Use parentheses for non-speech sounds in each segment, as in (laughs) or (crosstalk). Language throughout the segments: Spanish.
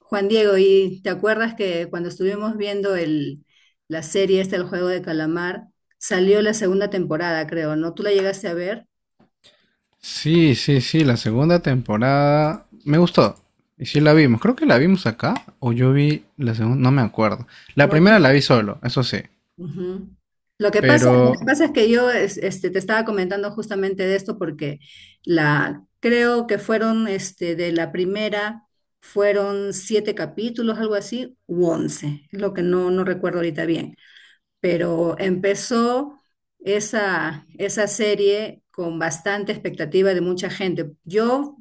Juan Diego, ¿y te acuerdas que cuando estuvimos viendo la serie esta, El Juego de Calamar, salió la segunda temporada, creo, ¿no? ¿Tú la llegaste a ver? Sí, sí, sí, la segunda temporada me gustó. Y sí la vimos. Creo que la vimos acá o yo vi la segunda, no me acuerdo. La No, tú- primera la vi solo, eso sí. Ujú. Lo que pasa, lo Pero que pasa es que te estaba comentando justamente de esto porque creo que fueron de la primera, fueron 7 capítulos, algo así, u 11, es lo que no recuerdo ahorita bien. Pero empezó esa serie con bastante expectativa de mucha gente. Yo,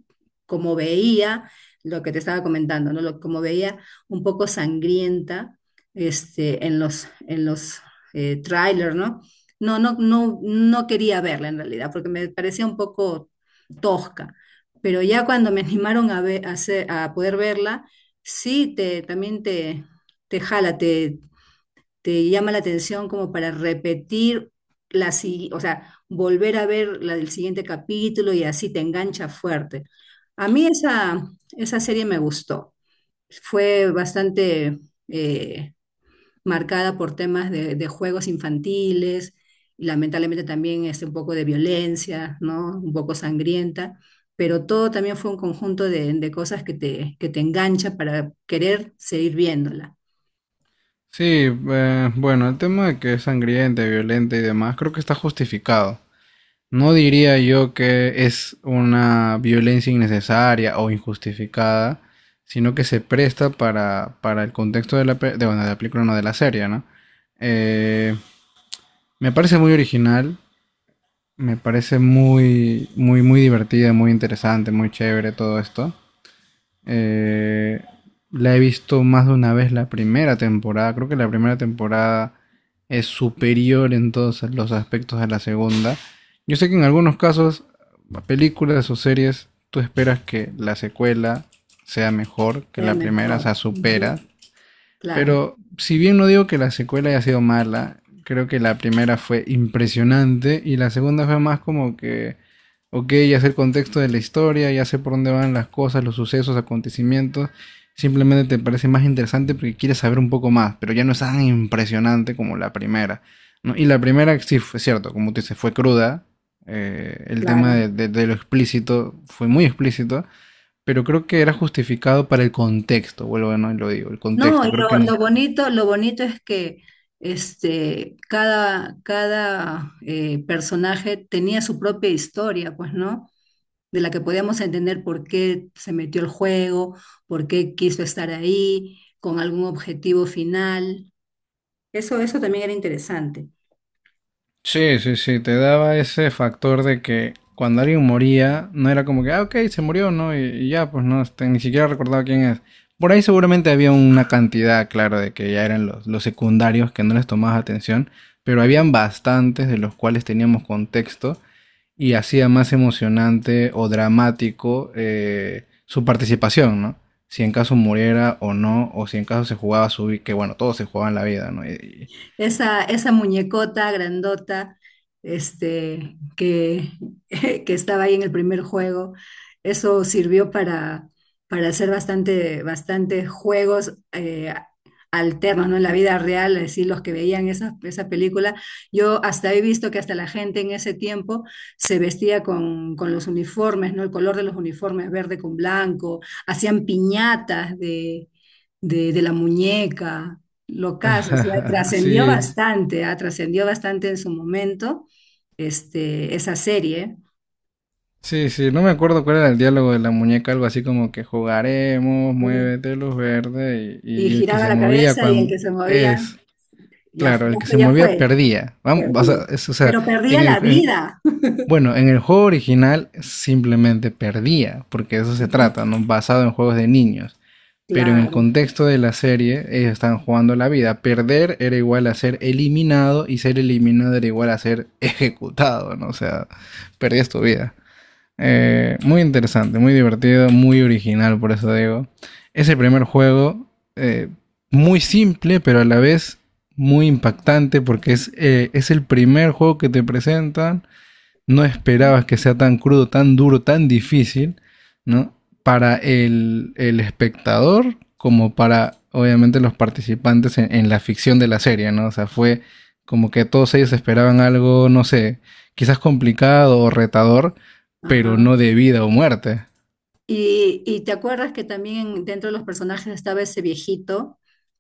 como veía lo que te estaba comentando, ¿no? Como veía un poco sangrienta en en los trailers, ¿no? No quería verla en realidad, porque me parecía un poco tosca. Pero ya cuando me (laughs) animaron a, ve- a, hacer- a poder verla, sí, te jala, te llama la atención como para repetir o sea, volver a ver la del siguiente capítulo, y así te engancha fuerte. A mí esa serie me gustó. Fue bastante eh, marcada por temas de juegos infantiles y lamentablemente también un poco de violencia, ¿no? Un poco sangrienta, pero todo también fue un conjunto de cosas que que te engancha para querer seguir viéndola. sí, bueno, el tema de que es sangrienta, violenta y demás, creo que está justificado. No diría yo que es una violencia innecesaria o injustificada, sino que se presta para el contexto de la, pe- de, bueno, de la película, no de la serie, ¿no? Eh, me parece muy original. Me parece muy, muy, muy divertida, muy interesante, muy chévere todo esto. Eh, la he visto más de una vez la primera temporada. Creo que la primera temporada es superior en todos los aspectos a la segunda. Yo sé que en algunos casos, películas o series, tú esperas que la secuela sea mejor que Sea la primera, o mejor. sea, supera. Ujú. Claro. Pero si bien no digo que la secuela haya sido mala, creo que la primera fue impresionante y la segunda fue más como que, ok, ya sé el contexto de la historia, ya sé por dónde van las cosas, los sucesos, acontecimientos, simplemente te parece más interesante porque quieres saber un poco más, pero ya no es tan impresionante como la primera, ¿no? Y la primera, sí, fue cierto, como tú dices, fue cruda, el tema Claro. de, de lo explícito fue muy explícito, pero creo que era justificado para el contexto, vuelvo a no lo digo, el No, y contexto, creo lo, que... lo bonito, lo bonito es que cada personaje tenía su propia historia, pues, ¿no? De la que podíamos entender por qué se metió al juego, por qué quiso estar ahí, con algún objetivo final. Eso también era interesante. Sí, sí, sí, te daba ese factor de que cuando alguien moría, no era como que, ah, ok, se murió, ¿no? Y ya, pues no, este, ni siquiera recordaba quién es. Por ahí seguramente había una cantidad, claro, de que ya eran los secundarios que no les tomabas atención, pero habían bastantes de los cuales teníamos contexto y hacía más emocionante o dramático su participación, ¿no? Si en caso muriera o no, o si en caso se jugaba su vida, que bueno, todos se jugaban la vida, ¿no? Esa muñecota grandota este, que, (laughs) que estaba ahí en el primer juego. Eso sirvió para hacer bastante juegos alternos, ¿no? En la vida real, es decir, los que veían esa película. Yo hasta he visto que hasta la gente en ese tiempo se vestía con los uniformes, ¿no? El color de los uniformes, verde con blanco, hacían piñatas de la muñeca. Lo y- caso, o sea, (laughs) trascendió sí. bastante, ah, trascendió bastante en su momento esa serie. Sí, sí, no me acuerdo cuál era el diálogo de la muñeca, algo así como que jugaremos, Ujú. muévete luz verde Y y el que giraba se la movía cabeza, y el cuando que se movía, es, ya claro, fue, el que se ya movía fue, perdía. Vam- o perdía. sea, es- o sea, Pero perdía en el, la en- vida. bueno, en el juego original simplemente perdía, porque de eso se Ujú. trata, ¿no? Basado en juegos de niños. Pero en el Claro. contexto de la serie, ellos están jugando la vida. Perder era igual a ser eliminado y ser eliminado era igual a ser ejecutado, ¿no? O sea, perdías tu vida. Muy interesante, muy divertido, muy original, por eso digo. Es el primer juego eh, muy simple, pero a la vez muy impactante porque es el primer juego que te presentan. No esperabas que sea tan crudo, tan duro, tan difícil, ¿no? Para el espectador como para, obviamente, los participantes en, la ficción de la serie, ¿no? O sea, fue como que todos ellos esperaban algo, no sé, quizás complicado o retador, pero Ajá. no de vida o muerte. Y te acuerdas que también dentro de los personajes estaba ese viejito,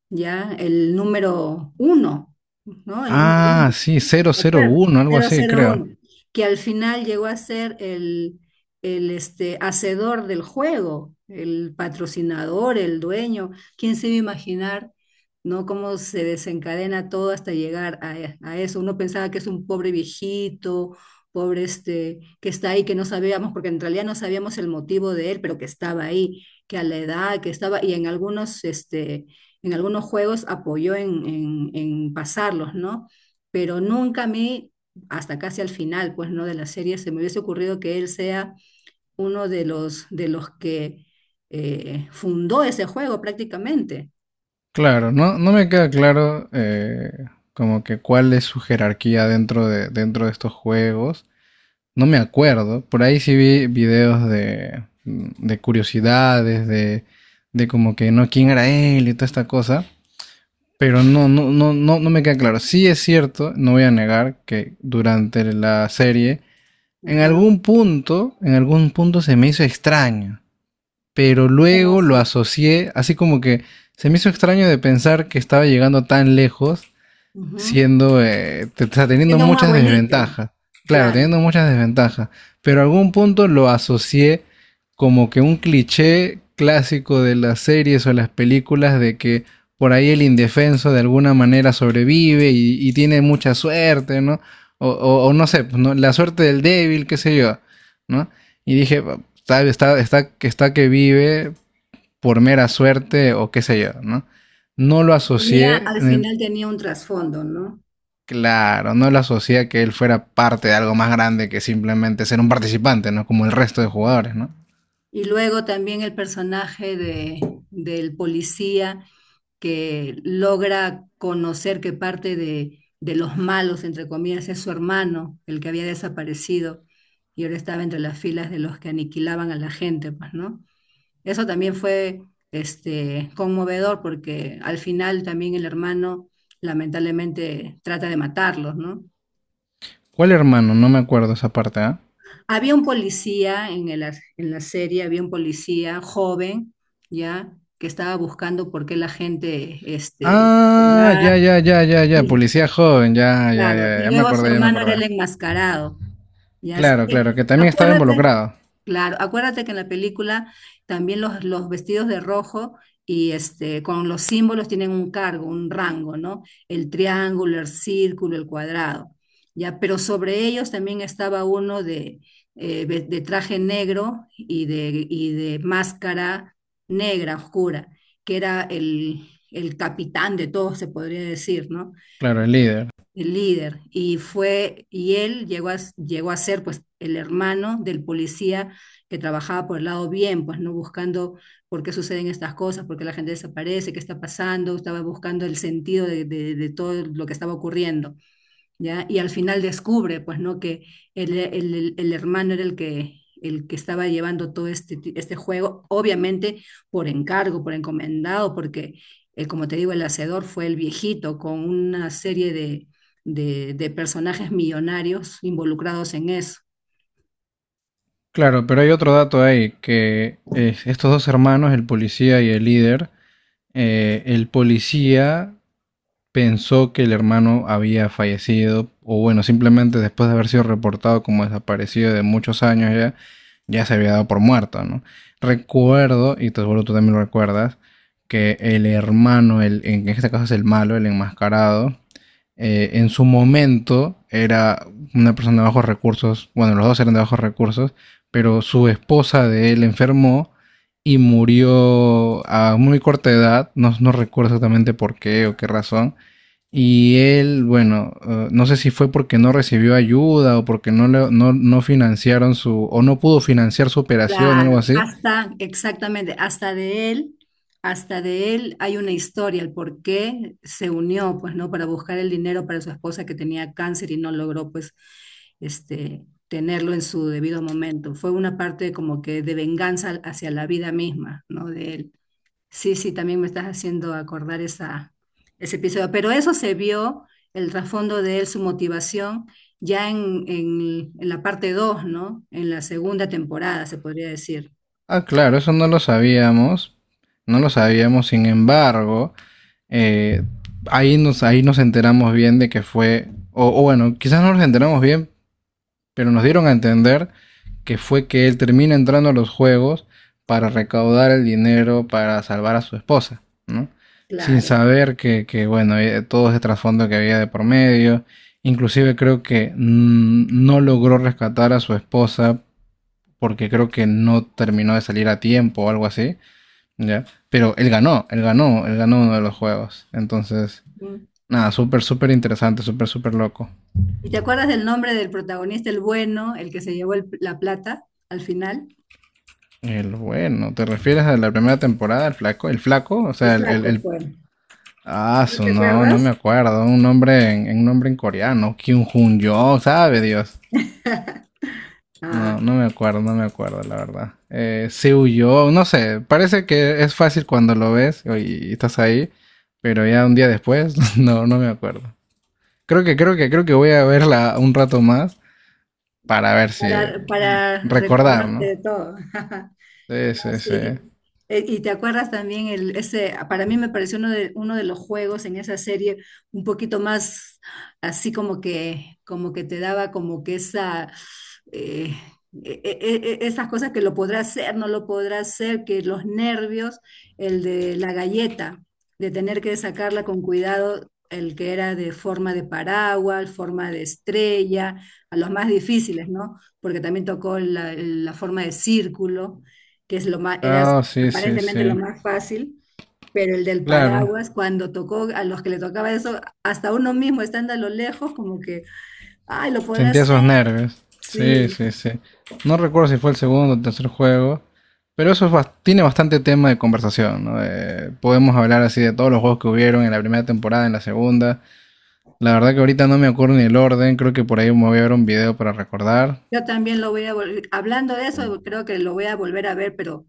ya, el número uno, ¿no? El número uno. Ah, sí, cero ¿Te cero acuerdas? uno, algo cero así, cero creo. uno que al final llegó a ser hacedor del juego, el patrocinador, el dueño. ¿Quién se iba a imaginar, no? Cómo se desencadena todo hasta llegar a eso. Uno pensaba que es un pobre viejito, pobre que está ahí, que no sabíamos, porque en realidad no sabíamos el motivo de él, pero que estaba ahí, que a la edad que estaba, y en algunos, en algunos juegos apoyó en pasarlos, ¿no? Pero nunca a mí, hasta casi al final, pues, ¿no? De la serie, se me hubiese ocurrido que él sea uno de de los que fundó ese juego prácticamente. Claro, no, no me queda claro como que cuál es su jerarquía dentro de estos juegos. No me acuerdo. Por ahí sí vi videos de curiosidades, de como que no, quién era él y toda esta cosa. Pero no, no, no, no, no me queda claro. Sí es cierto, no voy a negar que durante la serie, Ajá. En algún punto se me hizo extraño. Pero ¿Cómo luego lo así? asocié, así como que se me hizo extraño de pensar que estaba llegando tan lejos Ujú. siendo, o sea, teniendo Siendo un muchas abuelito. desventajas. Claro, Claro, teniendo muchas desventajas. Pero a algún punto lo asocié como que un cliché clásico de las series o las películas de que por ahí el indefenso de alguna manera sobrevive y tiene mucha suerte, ¿no? O, o no sé, pues, ¿no? La suerte del débil, qué sé yo, ¿no? Y dije, "Bueno, está que vive por mera suerte o qué sé yo, ¿no? No lo asocié tenía, al final tenía un trasfondo, ¿no? claro, no lo asocia a que él fuera parte de algo más grande que simplemente ser un participante, ¿no? Como el resto de jugadores, ¿no? Y luego también el personaje de, del policía que logra conocer que parte de los malos, entre comillas, es su hermano, el que había desaparecido y ahora estaba entre las filas de los que aniquilaban a la gente, pues, ¿no? Eso también fue conmovedor porque al final también el hermano lamentablemente trata de matarlos, ¿no? ¿Cuál hermano? No me acuerdo esa parte, ¿ah? ¿Eh? Había un policía en la serie, había un policía joven, ¿ya? Que estaba buscando por qué la gente Ah, ya, va ya, ya, ya, ya, y, policía joven, ya, ya, claro, ya, ya y me luego su acordé, ya me hermano era acordé. el enmascarado. Claro, claro, Sí. que también estaba Acuérdate, involucrado. claro, acuérdate que en la película también los vestidos de rojo y este con los símbolos tienen un cargo, un rango, ¿no? El triángulo, el círculo, el cuadrado. Ya, pero sobre ellos también estaba uno de traje negro y de máscara negra, oscura, que era el capitán de todos, se podría decir, ¿no? Claro, el líder. El líder, y fue, y él llegó a, llegó a ser pues el hermano del policía que trabajaba por el lado bien, pues no buscando por qué suceden estas cosas, por qué la gente desaparece, qué está pasando, estaba buscando el sentido de todo lo que estaba ocurriendo. ¿Ya? Y al final descubre, pues, ¿no? Que hermano era el que estaba llevando este juego, obviamente por encargo, por encomendado, porque, como te digo, el hacedor fue el viejito con una serie de personajes millonarios involucrados en eso. Claro, pero hay otro dato ahí, que es estos dos hermanos, el policía y el líder, el policía pensó que el hermano había fallecido, o bueno, simplemente después de haber sido reportado como desaparecido de muchos años ya, ya se había dado por muerto, ¿no? Recuerdo, y te seguro tú también lo recuerdas, que el hermano, el, en este caso es el malo, el enmascarado, en su momento era una persona de bajos recursos, bueno, los dos eran de bajos recursos, pero su esposa de él enfermó y murió a muy corta edad, no, no recuerdo exactamente por qué o qué razón, y él, bueno, no sé si fue porque no recibió ayuda o porque no, no, no financiaron su, o no pudo financiar su operación, algo Claro, así. hasta, exactamente, hasta de él hay una historia, el por qué se unió, pues, ¿no? Para buscar el dinero para su esposa que tenía cáncer y no logró, pues, tenerlo en su debido momento. Fue una parte como que de venganza hacia la vida misma, ¿no? De él. Sí, sí, también me estás haciendo acordar ese episodio. Pero eso se vio, el trasfondo de él, su motivación, ya en la parte 2, ¿no? En la segunda temporada, se podría decir. Ah, claro, eso no lo sabíamos, no lo sabíamos, sin embargo, eh, ahí nos enteramos bien de que fue, o bueno, quizás no nos enteramos bien, pero nos dieron a entender que fue que él termina entrando a los juegos para recaudar el dinero para salvar a su esposa, ¿no? Sin Claro. saber que bueno, todo ese trasfondo que había de por medio. Inclusive creo que no logró rescatar a su esposa porque creo que no terminó de salir a tiempo o algo así, ¿ya? Pero él ganó, él ganó, él ganó uno de los juegos. Entonces, Mm. nada, súper, súper interesante, súper, súper loco. ¿Y te acuerdas del nombre del protagonista, el bueno, el que se llevó la plata al final? El bueno, ¿te refieres a la primera temporada, el flaco? ¿El flaco? O El sea, el... flaco, el... pues. Ah, ¿No su te no, no me acuerdas? acuerdo. Un nombre en coreano. Kyung Jun Yo, sabe Dios. (laughs) Ah, No, no me acuerdo, no me acuerdo, la verdad. Seo Yo, no sé. Parece que es fácil cuando lo ves y estás ahí. Pero ya un día después, (laughs) no, no me acuerdo. Creo que voy a verla un rato más para ver si para recordar, recordarte ¿no? de todo. (laughs) Sí, No, sí, sí. sí. Y te acuerdas también el, ese, para mí me pareció uno de los juegos en esa serie un poquito más así como que te daba como que esa, eh, esas cosas que lo podrá hacer, no lo podrá hacer, que los nervios, el de la galleta, de tener que sacarla con cuidado, el que era de forma de paraguas, forma de estrella, a los más difíciles, ¿no? Porque también tocó la forma de círculo que es lo más, era Ah, oh, sí, sí, aparentemente lo sí. más fácil, pero el del Claro. paraguas, cuando tocó a los que le tocaba eso, hasta uno mismo estando a lo lejos, como que, ay, lo podrá Sentía hacer, esos nervios. Sí, sí. sí, sí. No recuerdo si fue el segundo o tercer juego. Pero eso es bas- tiene bastante tema de conversación, ¿no? De- podemos hablar así de todos los juegos que hubieron en la primera temporada, en la segunda. La verdad que ahorita no me acuerdo ni el orden, creo que por ahí me voy a ver un video para recordar. Yo también lo voy a volver, hablando de eso, creo que lo voy a volver a ver, pero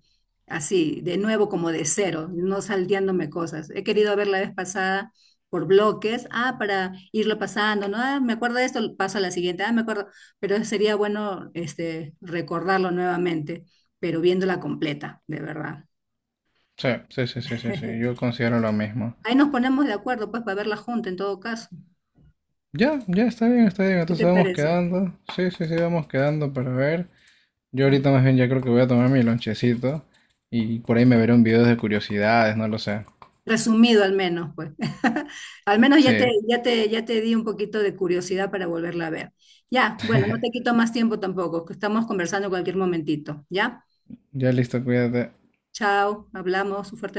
así, de nuevo, como de cero, no salteándome cosas. He querido ver la vez pasada por bloques, ah, para irlo pasando, ¿no? Ah, me acuerdo de esto, paso a la siguiente, ah, me acuerdo, pero sería bueno recordarlo nuevamente, pero viéndola completa, de verdad. Sí, sí, sí, sí, sí, sí, yo (laughs) considero lo mismo. Ahí nos ponemos de acuerdo, pues, para verla junta en todo caso. Ya, ya, está bien, ¿Qué entonces te vamos parece? quedando. Sí, sí, sí, vamos quedando para ver. Yo Mm. ahorita más bien ya creo que voy a tomar mi lonchecito y por ahí me veré un video de curiosidades, no lo sé. Resumido al menos, pues. (laughs) Al menos Sí, ya te di un poquito de curiosidad para volverla a ver. Ya, bueno, no te quito más tiempo tampoco, que estamos conversando cualquier momentito. Ya, ya listo, cuídate. chao, hablamos, un fuerte